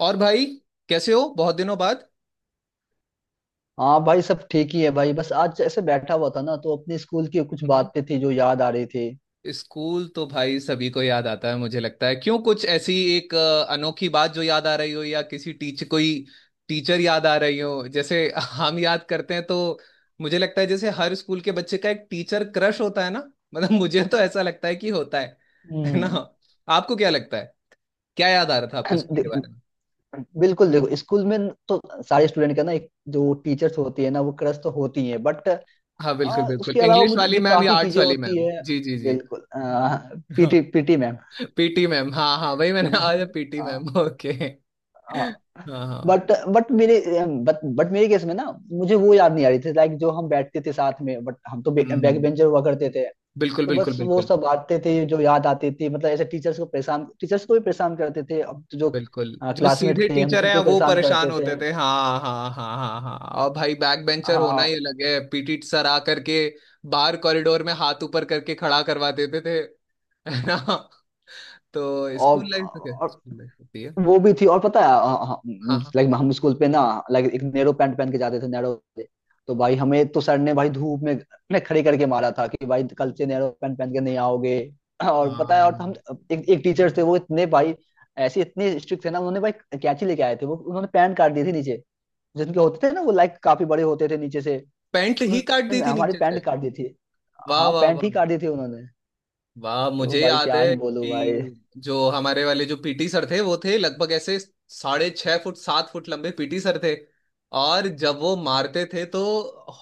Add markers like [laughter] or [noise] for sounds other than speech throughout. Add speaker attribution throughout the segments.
Speaker 1: और भाई कैसे हो? बहुत दिनों बाद।
Speaker 2: हाँ भाई, सब ठीक ही है भाई। बस आज ऐसे बैठा हुआ था ना, तो अपने स्कूल की कुछ
Speaker 1: हम्म।
Speaker 2: बातें थी जो याद आ रही थी।
Speaker 1: स्कूल तो भाई सभी को याद आता है, मुझे लगता है। क्यों, कुछ ऐसी एक अनोखी बात जो याद आ रही हो, या किसी टीचर, कोई टीचर याद आ रही हो जैसे [laughs] हम याद करते हैं तो। मुझे लगता है जैसे हर स्कूल के बच्चे का एक टीचर क्रश होता है ना। मतलब मुझे तो ऐसा लगता है कि होता है ना?
Speaker 2: हम्म।
Speaker 1: आपको क्या लगता है? क्या याद आ रहा था आपको
Speaker 2: [clears throat]
Speaker 1: स्कूल के
Speaker 2: दे-
Speaker 1: बारे में?
Speaker 2: बिल्कुल देखो, स्कूल में तो सारे स्टूडेंट का ना एक जो टीचर्स होती है ना, वो क्रश तो होती है, बट
Speaker 1: हाँ बिल्कुल बिल्कुल,
Speaker 2: उसके अलावा
Speaker 1: इंग्लिश
Speaker 2: मुझे
Speaker 1: वाली
Speaker 2: भी
Speaker 1: मैम या
Speaker 2: काफी
Speaker 1: आर्ट्स
Speaker 2: चीजें
Speaker 1: वाली
Speaker 2: होती
Speaker 1: मैम,
Speaker 2: है।
Speaker 1: जी जी जी।
Speaker 2: बिल्कुल। PT
Speaker 1: [laughs]
Speaker 2: PT ma'am.
Speaker 1: PT ma'am, हाँ हाँ, वही मैंने आज पीटी मैम, ओके। हाँ हाँ।
Speaker 2: बट बट मेरे बट मेरे केस में ना मुझे वो याद नहीं आ रही थी, लाइक जो हम बैठते थे साथ में, बट हम तो बैक
Speaker 1: हम्म।
Speaker 2: बेंचर हुआ करते थे।
Speaker 1: बिल्कुल
Speaker 2: तो
Speaker 1: बिल्कुल
Speaker 2: बस वो
Speaker 1: बिल्कुल।
Speaker 2: सब बांटते थे जो याद आती थी। मतलब ऐसे टीचर्स को परेशान, टीचर्स को भी परेशान करते थे। अब तो जो
Speaker 1: बिल्कुल जो सीधे
Speaker 2: क्लासमेट थे हम
Speaker 1: टीचर हैं
Speaker 2: उनको भी
Speaker 1: वो
Speaker 2: परेशान
Speaker 1: परेशान
Speaker 2: करते थे।
Speaker 1: होते थे, हाँ हाँ हाँ हाँ हाँ। और भाई बैक बेंचर होना ही
Speaker 2: हाँ।
Speaker 1: अलग है। पीटी सर आ करके बाहर कॉरिडोर में हाथ ऊपर करके खड़ा करवा देते थे, है ना? तो
Speaker 2: और,
Speaker 1: स्कूल लाइफ तो क्या
Speaker 2: और
Speaker 1: स्कूल लाइफ होती है।
Speaker 2: वो भी थी। और पता
Speaker 1: हाँ
Speaker 2: है,
Speaker 1: हाँ
Speaker 2: लाइक हम स्कूल पे ना लाइक एक नैरो पैंट पहन के जाते थे नैरो। तो भाई हमें तो सर ने भाई धूप में ने खड़े करके मारा था कि भाई कल से नैरो पैंट पहन के नहीं आओगे। और पता है, और हम
Speaker 1: हाँ,
Speaker 2: एक एक टीचर थे वो इतने भाई ऐसे इतने स्ट्रिक्ट थे ना, उन्होंने भाई कैंची लेके आए थे वो, उन्होंने पैंट काट दी थी नीचे। जिनके होते थे ना वो लाइक काफी बड़े होते थे नीचे से।
Speaker 1: पैंट ही काट दी
Speaker 2: उन्होंने
Speaker 1: थी
Speaker 2: हमारी
Speaker 1: नीचे
Speaker 2: पैंट
Speaker 1: से?
Speaker 2: काट दी थी।
Speaker 1: वाह
Speaker 2: हाँ,
Speaker 1: वाह
Speaker 2: पैंट
Speaker 1: वाह।
Speaker 2: ही काट दी थी उन्होंने।
Speaker 1: वाह,
Speaker 2: तो
Speaker 1: मुझे
Speaker 2: भाई
Speaker 1: याद
Speaker 2: क्या ही
Speaker 1: है
Speaker 2: बोलूं भाई।
Speaker 1: कि जो हमारे वाले जो पीटी सर थे, वो थे लगभग ऐसे 6½ फुट 7 फुट लंबे पीटी सर थे। और जब वो मारते थे तो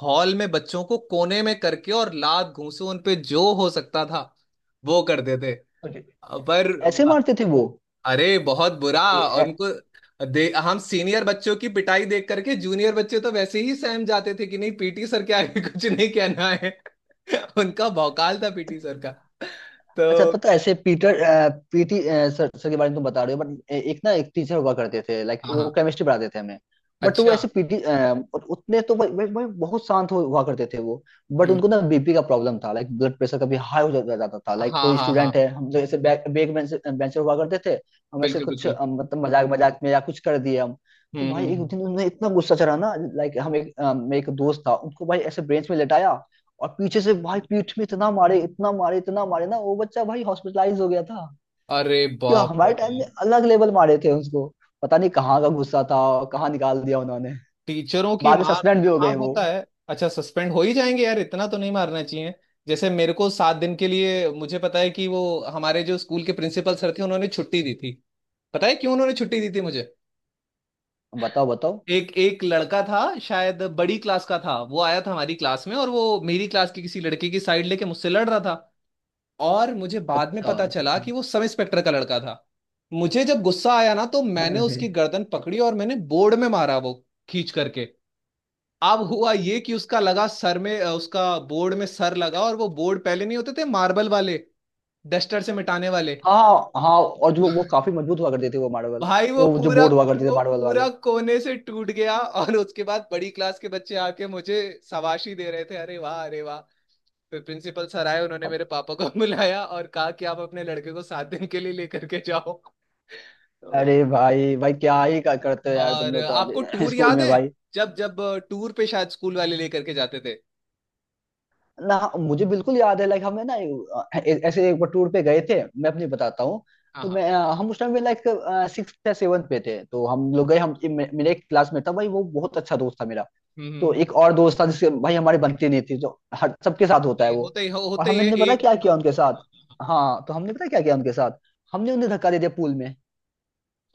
Speaker 1: हॉल में बच्चों को कोने में करके और लात घूंसे उन पे जो हो सकता था वो करते थे।
Speaker 2: Okay.
Speaker 1: पर,
Speaker 2: ऐसे मारते थे वो।
Speaker 1: अरे बहुत बुरा।
Speaker 2: ए-
Speaker 1: और
Speaker 2: ए-
Speaker 1: उनको दे, हम सीनियर बच्चों की पिटाई देख करके जूनियर बच्चे तो वैसे ही सहम जाते थे कि नहीं, पीटी सर के आगे कुछ नहीं कहना है। [laughs] उनका भौकाल था पीटी सर का,
Speaker 2: अच्छा
Speaker 1: तो।
Speaker 2: पता है, ऐसे पीटर पीटी सर सर के बारे में तुम बता रहे हो, बट एक ना एक टीचर हुआ करते थे लाइक
Speaker 1: हाँ
Speaker 2: वो
Speaker 1: हाँ,
Speaker 2: केमिस्ट्री पढ़ाते थे हमें। बट वो
Speaker 1: अच्छा।
Speaker 2: ऐसे पीटी उतने तो वो बहुत शांत हुआ करते थे वो। बट
Speaker 1: हम्म।
Speaker 2: उनको ना बीपी का प्रॉब्लम था, लाइक ब्लड प्रेशर कभी हाई हो जाता था लाइक
Speaker 1: हाँ
Speaker 2: कोई
Speaker 1: हाँ हाँ,
Speaker 2: स्टूडेंट है। हम जो ऐसे बैक बैक बेंचर हुआ करते थे, हम ऐसे
Speaker 1: बिल्कुल
Speaker 2: कुछ
Speaker 1: बिल्कुल।
Speaker 2: मतलब मजाक मजाक में या कुछ कर दिए हम। तो
Speaker 1: हम्म हम्म
Speaker 2: भाई एक
Speaker 1: हम्म।
Speaker 2: दिन उन्हें इतना गुस्सा चढ़ा ना, लाइक हम एक मेरा एक दोस्त था, उनको भाई ऐसे बेंच में लेटाया और पीछे से भाई पीठ में इतना मारे इतना मारे इतना मारे ना, वो बच्चा भाई हॉस्पिटलाइज हो गया था।
Speaker 1: अरे
Speaker 2: क्यों
Speaker 1: बाप रे
Speaker 2: हमारे टाइम में
Speaker 1: बाप।
Speaker 2: अलग लेवल मारे थे उसको। पता नहीं कहाँ का गुस्सा था और कहाँ निकाल दिया उन्होंने।
Speaker 1: टीचरों की
Speaker 2: बाद में
Speaker 1: मार।
Speaker 2: सस्पेंड भी हो
Speaker 1: हाँ
Speaker 2: गए वो।
Speaker 1: होता है, अच्छा सस्पेंड हो ही जाएंगे यार, इतना तो नहीं मारना चाहिए। जैसे मेरे को 7 दिन के लिए, मुझे पता है कि वो हमारे जो स्कूल के प्रिंसिपल सर थे, उन्होंने छुट्टी दी थी। पता है क्यों उन्होंने छुट्टी दी थी मुझे?
Speaker 2: बताओ बताओ।
Speaker 1: एक एक लड़का था, शायद बड़ी क्लास का था, वो आया था हमारी क्लास में, और वो मेरी क्लास की किसी लड़के की साइड लेके मुझसे लड़ रहा था। और मुझे बाद में
Speaker 2: अच्छा
Speaker 1: पता
Speaker 2: अच्छा
Speaker 1: चला
Speaker 2: अच्छा।
Speaker 1: कि वो सब इंस्पेक्टर का लड़का था। मुझे जब गुस्सा आया ना तो मैंने
Speaker 2: अरे।
Speaker 1: उसकी गर्दन पकड़ी और मैंने बोर्ड में मारा वो, खींच करके। अब हुआ ये कि उसका लगा सर में, उसका बोर्ड में सर लगा, और वो बोर्ड पहले नहीं होते थे मार्बल वाले, डस्टर से मिटाने वाले।
Speaker 2: हाँ हाँ, और जो वो काफी मजबूत हुआ करते थे वो मार्बल,
Speaker 1: भाई वो
Speaker 2: वो जो
Speaker 1: पूरा,
Speaker 2: बोर्ड हुआ करते थे
Speaker 1: वो
Speaker 2: मार्बल
Speaker 1: पूरा
Speaker 2: वाले।
Speaker 1: कोने से टूट गया। और उसके बाद बड़ी क्लास के बच्चे आके मुझे शाबाशी दे रहे थे, अरे वाह अरे वाह। फिर प्रिंसिपल सर आए, उन्होंने
Speaker 2: अब-
Speaker 1: मेरे पापा को [laughs] बुलाया और कहा कि आप अपने लड़के को 7 दिन के लिए लेकर के जाओ। तो,
Speaker 2: अरे भाई भाई क्या ही करते हो यार, तुम
Speaker 1: और
Speaker 2: लोग
Speaker 1: आपको
Speaker 2: कॉलेज
Speaker 1: टूर
Speaker 2: [laughs] स्कूल
Speaker 1: याद
Speaker 2: में
Speaker 1: है?
Speaker 2: भाई।
Speaker 1: जब जब टूर पे शायद स्कूल वाले लेकर के जाते थे।
Speaker 2: ना मुझे बिल्कुल याद है, लाइक हमें ना ऐसे एक बार टूर पे गए थे, मैं अपनी बताता हूँ।
Speaker 1: हाँ
Speaker 2: तो
Speaker 1: हाँ।
Speaker 2: मैं हम उस टाइम में लाइक सिक्स या सेवन्थ पे थे, तो हम लोग गए, हम मेरे एक क्लासमेट था भाई, वो बहुत अच्छा दोस्त था मेरा।
Speaker 1: हम्म हम्म,
Speaker 2: तो
Speaker 1: हम्म।
Speaker 2: एक और दोस्त था जिसके भाई हमारी बनती नहीं थी, जो हर सबके साथ
Speaker 1: होते
Speaker 2: होता है
Speaker 1: ही
Speaker 2: वो।
Speaker 1: होते ही
Speaker 2: और
Speaker 1: होते ही है
Speaker 2: हमने पता
Speaker 1: एक,
Speaker 2: क्या
Speaker 1: हाँ,
Speaker 2: किया उनके
Speaker 1: हाँ,
Speaker 2: साथ।
Speaker 1: हाँ, हाँ।
Speaker 2: हाँ, तो हमने पता क्या किया उनके साथ। हमने उन्हें धक्का दे दिया पूल में।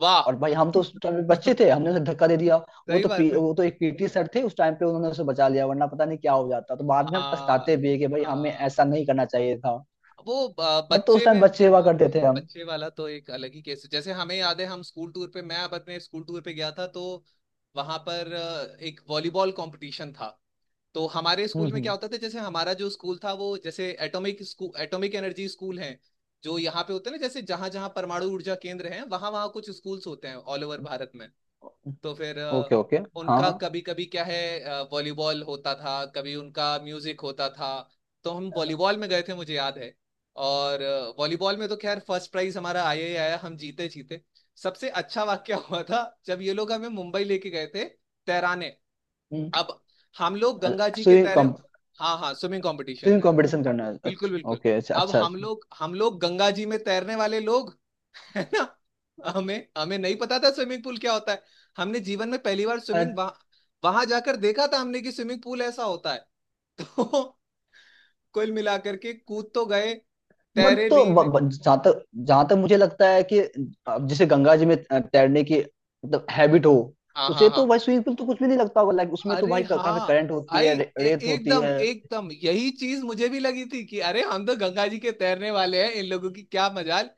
Speaker 1: वाह।
Speaker 2: और भाई हम तो उस टाइम पे बच्चे
Speaker 1: [laughs]
Speaker 2: थे, हमने उसे धक्का दे दिया।
Speaker 1: सही बात है।
Speaker 2: वो तो एक पीटी सर थे उस टाइम पे, उन्होंने उसे बचा लिया, वरना पता नहीं क्या हो जाता। तो बाद में हम
Speaker 1: हाँ
Speaker 2: पछताते भी है कि भाई हमें
Speaker 1: हाँ।
Speaker 2: ऐसा नहीं करना चाहिए था।
Speaker 1: वो
Speaker 2: बट तो उस
Speaker 1: बच्चे
Speaker 2: टाइम
Speaker 1: में,
Speaker 2: बच्चे हुआ
Speaker 1: हाँ,
Speaker 2: करते
Speaker 1: हाँ,
Speaker 2: थे हम।
Speaker 1: बच्चे वाला तो एक अलग ही केस है। जैसे हमें याद है हम स्कूल टूर पे, मैं अब अपने स्कूल टूर पे गया था तो वहां पर एक वॉलीबॉल कंपटीशन था। तो हमारे स्कूल में क्या
Speaker 2: हम्म।
Speaker 1: होता था, जैसे हमारा जो स्कूल था वो जैसे atomic school, atomic energy school है, जो यहाँ पे होते हैं ना, जैसे जहां जहां परमाणु ऊर्जा केंद्र हैं वहां वहां कुछ स्कूल्स होते हैं ऑल ओवर भारत में। तो फिर
Speaker 2: ओके ओके। हाँ
Speaker 1: उनका
Speaker 2: हाँ।
Speaker 1: कभी कभी क्या है, वॉलीबॉल होता था, कभी उनका म्यूजिक होता था। तो हम वॉलीबॉल में गए थे मुझे याद है। और वॉलीबॉल में तो खैर फर्स्ट प्राइज हमारा आया ही आया, हम जीते जीते। सबसे अच्छा वाक्य हुआ था जब ये लोग हमें मुंबई लेके गए थे तैराने। अब हम लोग गंगा जी के
Speaker 2: स्विमिंग।
Speaker 1: तैरे। हाँ हाँ, स्विमिंग कंपटीशन
Speaker 2: स्विमिंग
Speaker 1: में।
Speaker 2: कंपटीशन करना है,
Speaker 1: बिल्कुल
Speaker 2: अच्छा
Speaker 1: बिल्कुल।
Speaker 2: ओके, अच्छा
Speaker 1: अब
Speaker 2: अच्छा।
Speaker 1: हम लोग गंगा जी में तैरने वाले लोग, [laughs] है ना? हमें हमें नहीं पता था स्विमिंग पूल क्या होता है। हमने जीवन में पहली बार स्विमिंग वहां, वहां जाकर देखा था हमने कि स्विमिंग पूल ऐसा होता है। [laughs] तो कुल मिलाकर के कूद तो गए,
Speaker 2: बट
Speaker 1: तैरे
Speaker 2: तो
Speaker 1: भी।
Speaker 2: जहाँ तक मुझे लगता है कि अब जैसे गंगा जी में तैरने की मतलब हैबिट हो,
Speaker 1: हाँ हाँ
Speaker 2: उसे तो
Speaker 1: हाँ।
Speaker 2: भाई स्विमिंग पूल तो कुछ भी नहीं लगता होगा, लाइक उसमें तो
Speaker 1: अरे
Speaker 2: भाई काफी
Speaker 1: हाँ।
Speaker 2: करंट होती
Speaker 1: आई,
Speaker 2: है, रेत होती
Speaker 1: एकदम
Speaker 2: है।
Speaker 1: एकदम, यही चीज मुझे भी लगी थी कि अरे हम तो गंगा जी के तैरने वाले हैं, इन लोगों की क्या मजाल।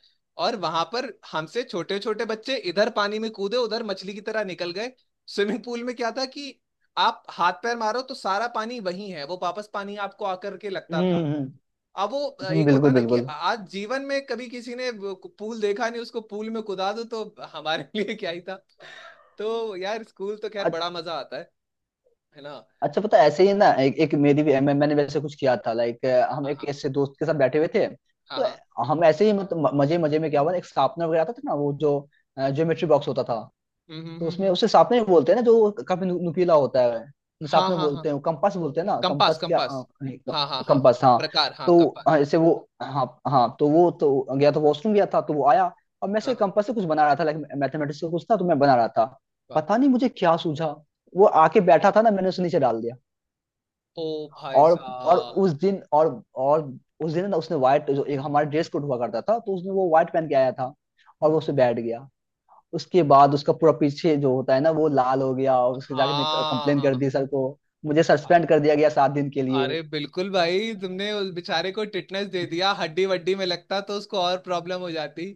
Speaker 1: और वहां पर हमसे छोटे छोटे बच्चे इधर पानी में कूदे उधर मछली की तरह निकल गए। स्विमिंग पूल में क्या था कि आप हाथ पैर मारो तो सारा पानी वही है, वो वापस पानी आपको आकर के लगता
Speaker 2: हम्म
Speaker 1: था।
Speaker 2: हम्म
Speaker 1: अब वो एक होता
Speaker 2: बिल्कुल
Speaker 1: ना कि
Speaker 2: बिल्कुल।
Speaker 1: आज जीवन में कभी किसी ने वो पूल देखा नहीं, उसको पूल में कुदा दो तो हमारे [laughs] लिए क्या ही था। तो यार स्कूल तो खैर
Speaker 2: अ-
Speaker 1: बड़ा मजा आता है ना?
Speaker 2: अच्छा पता है, ऐसे ही ना एक मेरी भी मैंने वैसे कुछ किया था, लाइक हम
Speaker 1: हाँ
Speaker 2: एक
Speaker 1: हाँ
Speaker 2: ऐसे दोस्त के साथ बैठे हुए थे।
Speaker 1: हाँ हाँ।
Speaker 2: तो हम ऐसे ही मतलब मजे मजे में क्या हुआ, एक शार्पनर वगैरह आता था ना वो जो ज्योमेट्री बॉक्स होता था।
Speaker 1: हम्म हम्म
Speaker 2: तो
Speaker 1: हम्म,
Speaker 2: उसमें
Speaker 1: हम्म।
Speaker 2: उसे सापने बोलते हैं ना, जो काफी नुकीला होता है।
Speaker 1: हाँ
Speaker 2: सापने
Speaker 1: हाँ हाँ,
Speaker 2: बोलते हैं, कंपास बोलते हैं ना,
Speaker 1: कंपास
Speaker 2: कंपास क्या,
Speaker 1: कंपास, हाँ हाँ हाँ
Speaker 2: कंपास हाँ।
Speaker 1: प्रकार, हाँ
Speaker 2: तो हाँ,
Speaker 1: कंपास।
Speaker 2: जैसे वो। हाँ हाँ, तो वो तो गया था, वॉशरूम गया था, तो वो आया। और मैं
Speaker 1: हाँ
Speaker 2: से
Speaker 1: हाँ,
Speaker 2: कंपास से कुछ बना रहा था, लाइक मैथमेटिक्स का कुछ था तो मैं बना रहा था।
Speaker 1: वाह।
Speaker 2: पता नहीं मुझे क्या सूझा। वो आके बैठा था ना, मैंने उसे नीचे डाल दिया।
Speaker 1: ओ भाई
Speaker 2: और और
Speaker 1: साहब।
Speaker 2: उस दिन और और उस दिन ना उसने व्हाइट, जो एक हमारा ड्रेस कोड हुआ करता था, तो उसने वो व्हाइट पहन के आया था। और वो उसे बैठ गया। उसके बाद उसका पूरा पीछे जो होता है ना वो लाल हो गया, और उसके जाके
Speaker 1: हाँ
Speaker 2: कंप्लेन कर
Speaker 1: हाँ
Speaker 2: दी सर को। मुझे
Speaker 1: अ-
Speaker 2: सस्पेंड कर दिया गया 7 दिन के लिए।
Speaker 1: अरे बिल्कुल भाई, तुमने उस बेचारे को टिटनेस दे दिया, हड्डी वड्डी में लगता तो उसको और प्रॉब्लम हो जाती।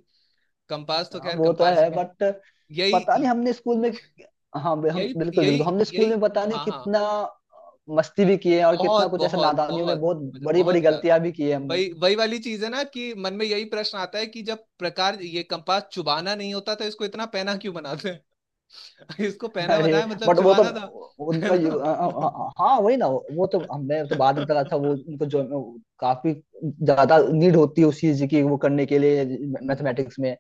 Speaker 1: कंपास तो
Speaker 2: हाँ,
Speaker 1: खैर
Speaker 2: वो तो
Speaker 1: कंपास
Speaker 2: है
Speaker 1: है।
Speaker 2: बट पता
Speaker 1: यही
Speaker 2: नहीं हमने स्कूल में। हाँ। हम
Speaker 1: यही
Speaker 2: बिल्कुल
Speaker 1: यही
Speaker 2: बिल्कुल, हमने स्कूल
Speaker 1: यही।
Speaker 2: में पता नहीं
Speaker 1: हाँ हाँ।
Speaker 2: कितना मस्ती भी की है, और कितना
Speaker 1: बहुत
Speaker 2: कुछ ऐसा
Speaker 1: बहुत
Speaker 2: नादानियों में,
Speaker 1: बहुत।
Speaker 2: बहुत
Speaker 1: मुझे
Speaker 2: बड़ी बड़ी
Speaker 1: बहुत याद।
Speaker 2: गलतियां भी की है हमने।
Speaker 1: वही वही वाली चीज है ना कि मन में यही प्रश्न आता है कि जब प्रकार ये कंपास चुबाना नहीं होता तो इसको इतना पैना क्यों बनाते हैं। [laughs] इसको पैना
Speaker 2: अरे।
Speaker 1: बनाया मतलब
Speaker 2: बट वो तो
Speaker 1: चुबाना था, है
Speaker 2: उनका यू-
Speaker 1: ना?
Speaker 2: अ- अ-
Speaker 1: [laughs]
Speaker 2: अ- हाँ वही ना, वो तो हमने तो बाद में पता था, वो उनको जो काफी ज्यादा नीड होती है उस चीज की वो करने के लिए
Speaker 1: हम्म,
Speaker 2: मैथमेटिक्स में।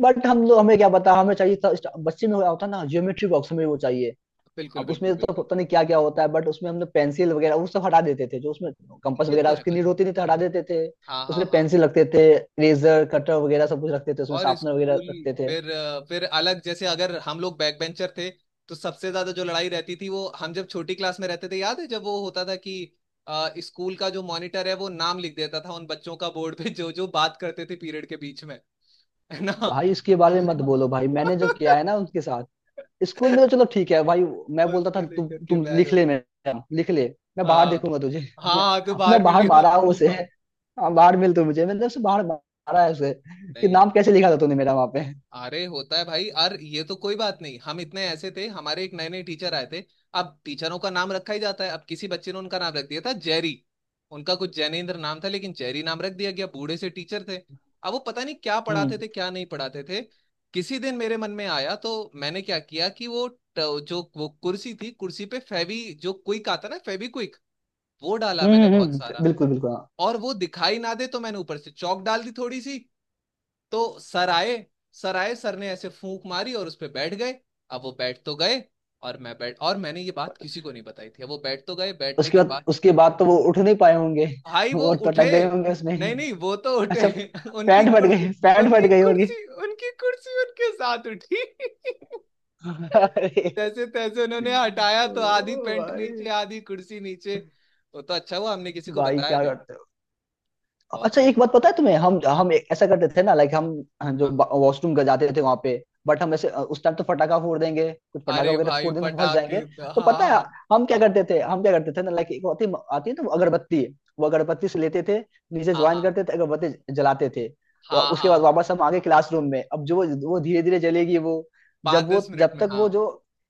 Speaker 2: बट हम लोग हमें क्या पता, हमें चाहिए था बच्चे में होता ना ज्योमेट्री बॉक्स, हमें वो चाहिए।
Speaker 1: बिल्कुल
Speaker 2: अब
Speaker 1: बिल्कुल
Speaker 2: उसमें तो
Speaker 1: बिल्कुल।
Speaker 2: पता नहीं क्या क्या होता है, बट उसमें हमने पेंसिल वगैरह वो सब हटा देते थे, जो उसमें कंपास
Speaker 1: ये तो
Speaker 2: वगैरह
Speaker 1: है
Speaker 2: उसकी नीड
Speaker 1: भाई,
Speaker 2: होती नहीं तो हटा देते थे।
Speaker 1: हाँ हाँ
Speaker 2: उसमें
Speaker 1: हाँ।
Speaker 2: पेंसिल रखते थे। रेजर कटर वगैरह सब कुछ रखते थे उसमें,
Speaker 1: और
Speaker 2: शार्पनर वगैरह
Speaker 1: स्कूल
Speaker 2: रखते थे।
Speaker 1: फिर फिर अलग, जैसे अगर हम लोग बैक बेंचर थे तो सबसे ज्यादा जो लड़ाई रहती थी वो, हम जब छोटी क्लास में रहते थे याद है जब वो होता था कि स्कूल का जो मॉनिटर है वो नाम लिख देता था उन बच्चों का बोर्ड पे जो जो बात करते थे पीरियड के बीच में, है ना?
Speaker 2: भाई उसके बारे में मत बोलो भाई, मैंने जो किया है ना उनके साथ
Speaker 1: [laughs]
Speaker 2: स्कूल में, तो चलो ठीक है भाई। मैं बोलता
Speaker 1: उसको
Speaker 2: था,
Speaker 1: लेकर के
Speaker 2: तुम
Speaker 1: बैर
Speaker 2: लिख ले
Speaker 1: होती।
Speaker 2: मैम, लिख ले। मैं बाहर
Speaker 1: हाँ
Speaker 2: देखूंगा तुझे, [laughs]
Speaker 1: हाँ, तो
Speaker 2: मैं
Speaker 1: बाहर
Speaker 2: बाहर
Speaker 1: मिली हो।
Speaker 2: मारा हूँ उसे।
Speaker 1: [laughs]
Speaker 2: हाँ, बाहर मिल तू मुझे, मतलब उसे बाहर मारा है उसे, कि
Speaker 1: नहीं।
Speaker 2: नाम कैसे लिखा था तूने मेरा वहां पे।
Speaker 1: अरे होता है भाई, और ये तो कोई बात नहीं। हम इतने ऐसे थे, हमारे एक नए नए टीचर आए थे, अब टीचरों का नाम रखा ही जाता है, अब किसी बच्चे ने उनका नाम रख दिया था जेरी। उनका कुछ जैनेन्द्र नाम था लेकिन जेरी नाम रख दिया गया, बूढ़े से टीचर थे। अब वो पता नहीं क्या पढ़ाते
Speaker 2: हम्म
Speaker 1: थे क्या नहीं पढ़ाते थे। किसी दिन मेरे मन में आया तो मैंने क्या किया कि वो जो वो कुर्सी थी, कुर्सी पे फेवी जो क्विक आता ना, फेवी क्विक, वो डाला मैंने बहुत सारा।
Speaker 2: बिल्कुल बिल्कुल, हाँ।
Speaker 1: और वो दिखाई ना दे तो मैंने ऊपर से चौक डाल दी थोड़ी सी। तो सर आए, सर आए, सर ने ऐसे फूंक मारी और उस पे बैठ गए। अब वो बैठ तो गए, और मैं बैठ, और मैंने ये बात किसी को नहीं बताई थी। अब वो बैठ तो गए, बैठने
Speaker 2: उसके
Speaker 1: के
Speaker 2: बाद
Speaker 1: बाद
Speaker 2: उसके बाद तो वो उठ नहीं पाए होंगे,
Speaker 1: भाई
Speaker 2: [laughs]
Speaker 1: वो
Speaker 2: वो तो अटक
Speaker 1: उठे,
Speaker 2: गए होंगे उसमें।
Speaker 1: नहीं नहीं वो तो उठे,
Speaker 2: अच्छा।
Speaker 1: [laughs] उनकी कुर्सी,
Speaker 2: पैंट फट
Speaker 1: उनकी
Speaker 2: गई होगी।
Speaker 1: कुर्सी, उनकी कुर्सी उनके साथ उठी। [laughs]
Speaker 2: [laughs] अरे।
Speaker 1: तैसे तैसे उन्होंने हटाया
Speaker 2: ओ
Speaker 1: तो आधी पेंट
Speaker 2: भाई,
Speaker 1: नीचे आधी कुर्सी नीचे। वो तो अच्छा हुआ हमने किसी को
Speaker 2: भाई
Speaker 1: बताया
Speaker 2: क्या
Speaker 1: नहीं।
Speaker 2: करते।
Speaker 1: बहुत
Speaker 2: अच्छा
Speaker 1: सारी,
Speaker 2: एक बात पता है तुम्हें, हम
Speaker 1: हाँ
Speaker 2: हम ऐसा करते थे ना, लाइक हम जो
Speaker 1: हाँ हाँ।
Speaker 2: वॉशरूम का जाते थे वहां पे, बट हम ऐसे उस टाइम तो फटाका फोड़ देंगे, कुछ पटाखा
Speaker 1: अरे
Speaker 2: वगैरह
Speaker 1: भाई
Speaker 2: फोड़ देंगे तो फंस
Speaker 1: पटाखे,
Speaker 2: जाएंगे।
Speaker 1: हाँ
Speaker 2: तो
Speaker 1: हाँ
Speaker 2: पता है, हम क्या
Speaker 1: हाँ
Speaker 2: करते थे हम क्या करते थे ना, लाइक एक होती आती है ना, वो अगरबत्ती। वो अगरबत्ती से लेते थे, नीचे
Speaker 1: हाँ
Speaker 2: ज्वाइन
Speaker 1: हाँ
Speaker 2: करते थे अगरबत्ती, जलाते थे, तो
Speaker 1: हाँ
Speaker 2: उसके बाद
Speaker 1: हाँ।
Speaker 2: वापस हम आगे क्लासरूम में। अब जो वो धीरे धीरे जलेगी, वो
Speaker 1: पाँच
Speaker 2: जब वो
Speaker 1: दस मिनट
Speaker 2: जब
Speaker 1: में,
Speaker 2: तक
Speaker 1: हाँ।
Speaker 2: वो जो,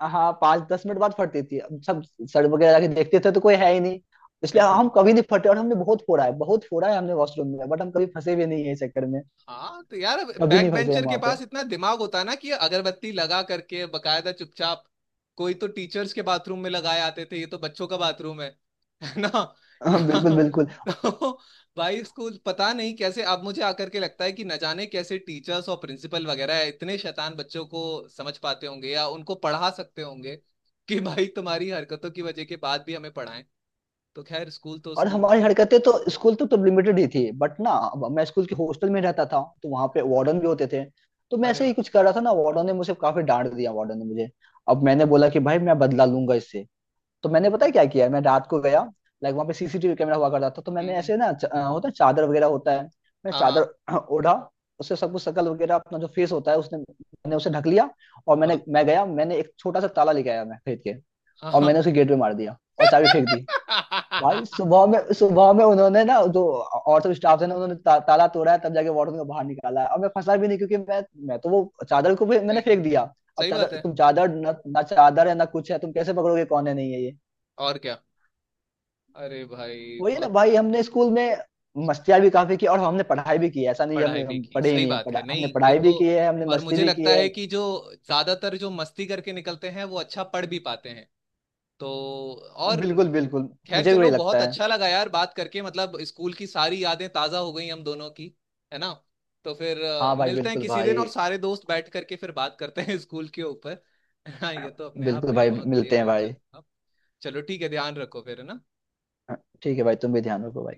Speaker 2: हाँ, 5-10 मिनट बाद फटती थी। अब सब सड़ वगैरह जाके देखते थे तो कोई है ही नहीं। इसलिए
Speaker 1: बिल्कुल।
Speaker 2: हम कभी नहीं फटे, और हमने बहुत फोड़ा है, बहुत फोड़ा है हमने वॉशरूम में, बट हम कभी फंसे भी नहीं है इस चक्कर में।
Speaker 1: हाँ तो यार,
Speaker 2: कभी
Speaker 1: बैक
Speaker 2: नहीं फंसे हम
Speaker 1: बेंचर के
Speaker 2: वहाँ पे।
Speaker 1: पास इतना दिमाग होता है ना, कि अगरबत्ती लगा करके बकायदा चुपचाप। कोई तो टीचर्स के बाथरूम में लगाए आते थे, ये तो बच्चों का बाथरूम है। [laughs] है ना?
Speaker 2: हाँ, बिल्कुल
Speaker 1: यहाँ।
Speaker 2: बिल्कुल।
Speaker 1: [laughs] तो भाई स्कूल पता नहीं कैसे, अब मुझे आकर के लगता है कि न जाने कैसे टीचर्स और प्रिंसिपल वगैरह इतने शैतान बच्चों को समझ पाते होंगे या उनको पढ़ा सकते होंगे, कि भाई तुम्हारी हरकतों की वजह के बाद भी हमें पढ़ाएं। तो खैर स्कूल तो
Speaker 2: और
Speaker 1: स्कूल।
Speaker 2: हमारी हरकतें तो स्कूल तक तो लिमिटेड ही थी, बट ना अब मैं स्कूल के हॉस्टल में रहता था तो वहाँ पे वार्डन भी होते थे। तो मैं
Speaker 1: अरे
Speaker 2: ऐसे ही
Speaker 1: वाह।
Speaker 2: कुछ कर रहा था ना, वार्डन ने मुझे काफी डांट दिया, वार्डन ने मुझे। अब मैंने बोला कि भाई, मैं बदला लूंगा इससे। तो मैंने पता है क्या किया, मैं रात को गया, लाइक वहां पे सीसीटीवी कैमरा हुआ करता था। तो मैंने
Speaker 1: हम्म,
Speaker 2: ऐसे ना होता है चादर वगैरह, होता है मैं
Speaker 1: हाँ
Speaker 2: चादर
Speaker 1: हाँ।
Speaker 2: [clears throat] ओढ़ा। उससे सब कुछ शकल वगैरह अपना जो फेस होता है उसने, मैंने उसे ढक लिया। और
Speaker 1: वाह।
Speaker 2: मैं गया, मैंने एक छोटा सा ताला लेके आया, मैं खरीद के।
Speaker 1: हाँ
Speaker 2: और
Speaker 1: हाँ।
Speaker 2: मैंने उसे गेट पे मार दिया और चाबी फेंक दी। भाई, सुबह
Speaker 1: [laughs]
Speaker 2: में सुबह में उन्होंने ना जो और सब स्टाफ थे ना, उन्होंने ताला तोड़ा है, तब जाके वार्डन को बाहर निकाला है, और मैं फंसा भी नहीं, क्योंकि मैं तो वो चादर को भी मैंने
Speaker 1: सही,
Speaker 2: फेंक दिया। अब
Speaker 1: सही बात
Speaker 2: चादर,
Speaker 1: है।
Speaker 2: तुम चादर ना चादर है ना कुछ है, तुम कैसे पकड़ोगे, कौन है नहीं है ये।
Speaker 1: और क्या, अरे भाई
Speaker 2: वही ना
Speaker 1: बहुत।
Speaker 2: भाई, हमने स्कूल में मस्तियाँ भी काफी की, और हमने पढ़ाई भी की है, ऐसा नहीं है
Speaker 1: पढ़ाई
Speaker 2: हमने
Speaker 1: भी
Speaker 2: हम
Speaker 1: की,
Speaker 2: पढ़े ही
Speaker 1: सही
Speaker 2: नहीं,
Speaker 1: बात है,
Speaker 2: हमने
Speaker 1: नहीं ये
Speaker 2: पढ़ाई
Speaker 1: तो।
Speaker 2: भी की है, हमने
Speaker 1: और
Speaker 2: मस्ती
Speaker 1: मुझे
Speaker 2: भी की
Speaker 1: लगता
Speaker 2: है।
Speaker 1: है कि जो ज्यादातर जो मस्ती करके निकलते हैं वो अच्छा पढ़ भी पाते हैं, तो।
Speaker 2: हाँ,
Speaker 1: और
Speaker 2: बिल्कुल बिल्कुल।
Speaker 1: खैर
Speaker 2: मुझे भी वही
Speaker 1: चलो, बहुत
Speaker 2: लगता है।
Speaker 1: अच्छा लगा यार बात करके, मतलब स्कूल की सारी यादें ताजा हो गई हम दोनों की, है ना? तो फिर
Speaker 2: हाँ भाई,
Speaker 1: मिलते हैं
Speaker 2: बिल्कुल
Speaker 1: किसी दिन,
Speaker 2: भाई।
Speaker 1: और सारे दोस्त बैठ करके फिर बात करते हैं [laughs] स्कूल के ऊपर। [laughs] हाँ ये तो अपने आप
Speaker 2: बिल्कुल
Speaker 1: में एक
Speaker 2: भाई,
Speaker 1: बहुत बढ़िया
Speaker 2: मिलते हैं भाई।
Speaker 1: दिलचस्प था। चलो ठीक है, ध्यान रखो फिर, है ना?
Speaker 2: ठीक है भाई, तुम भी ध्यान रखो भाई।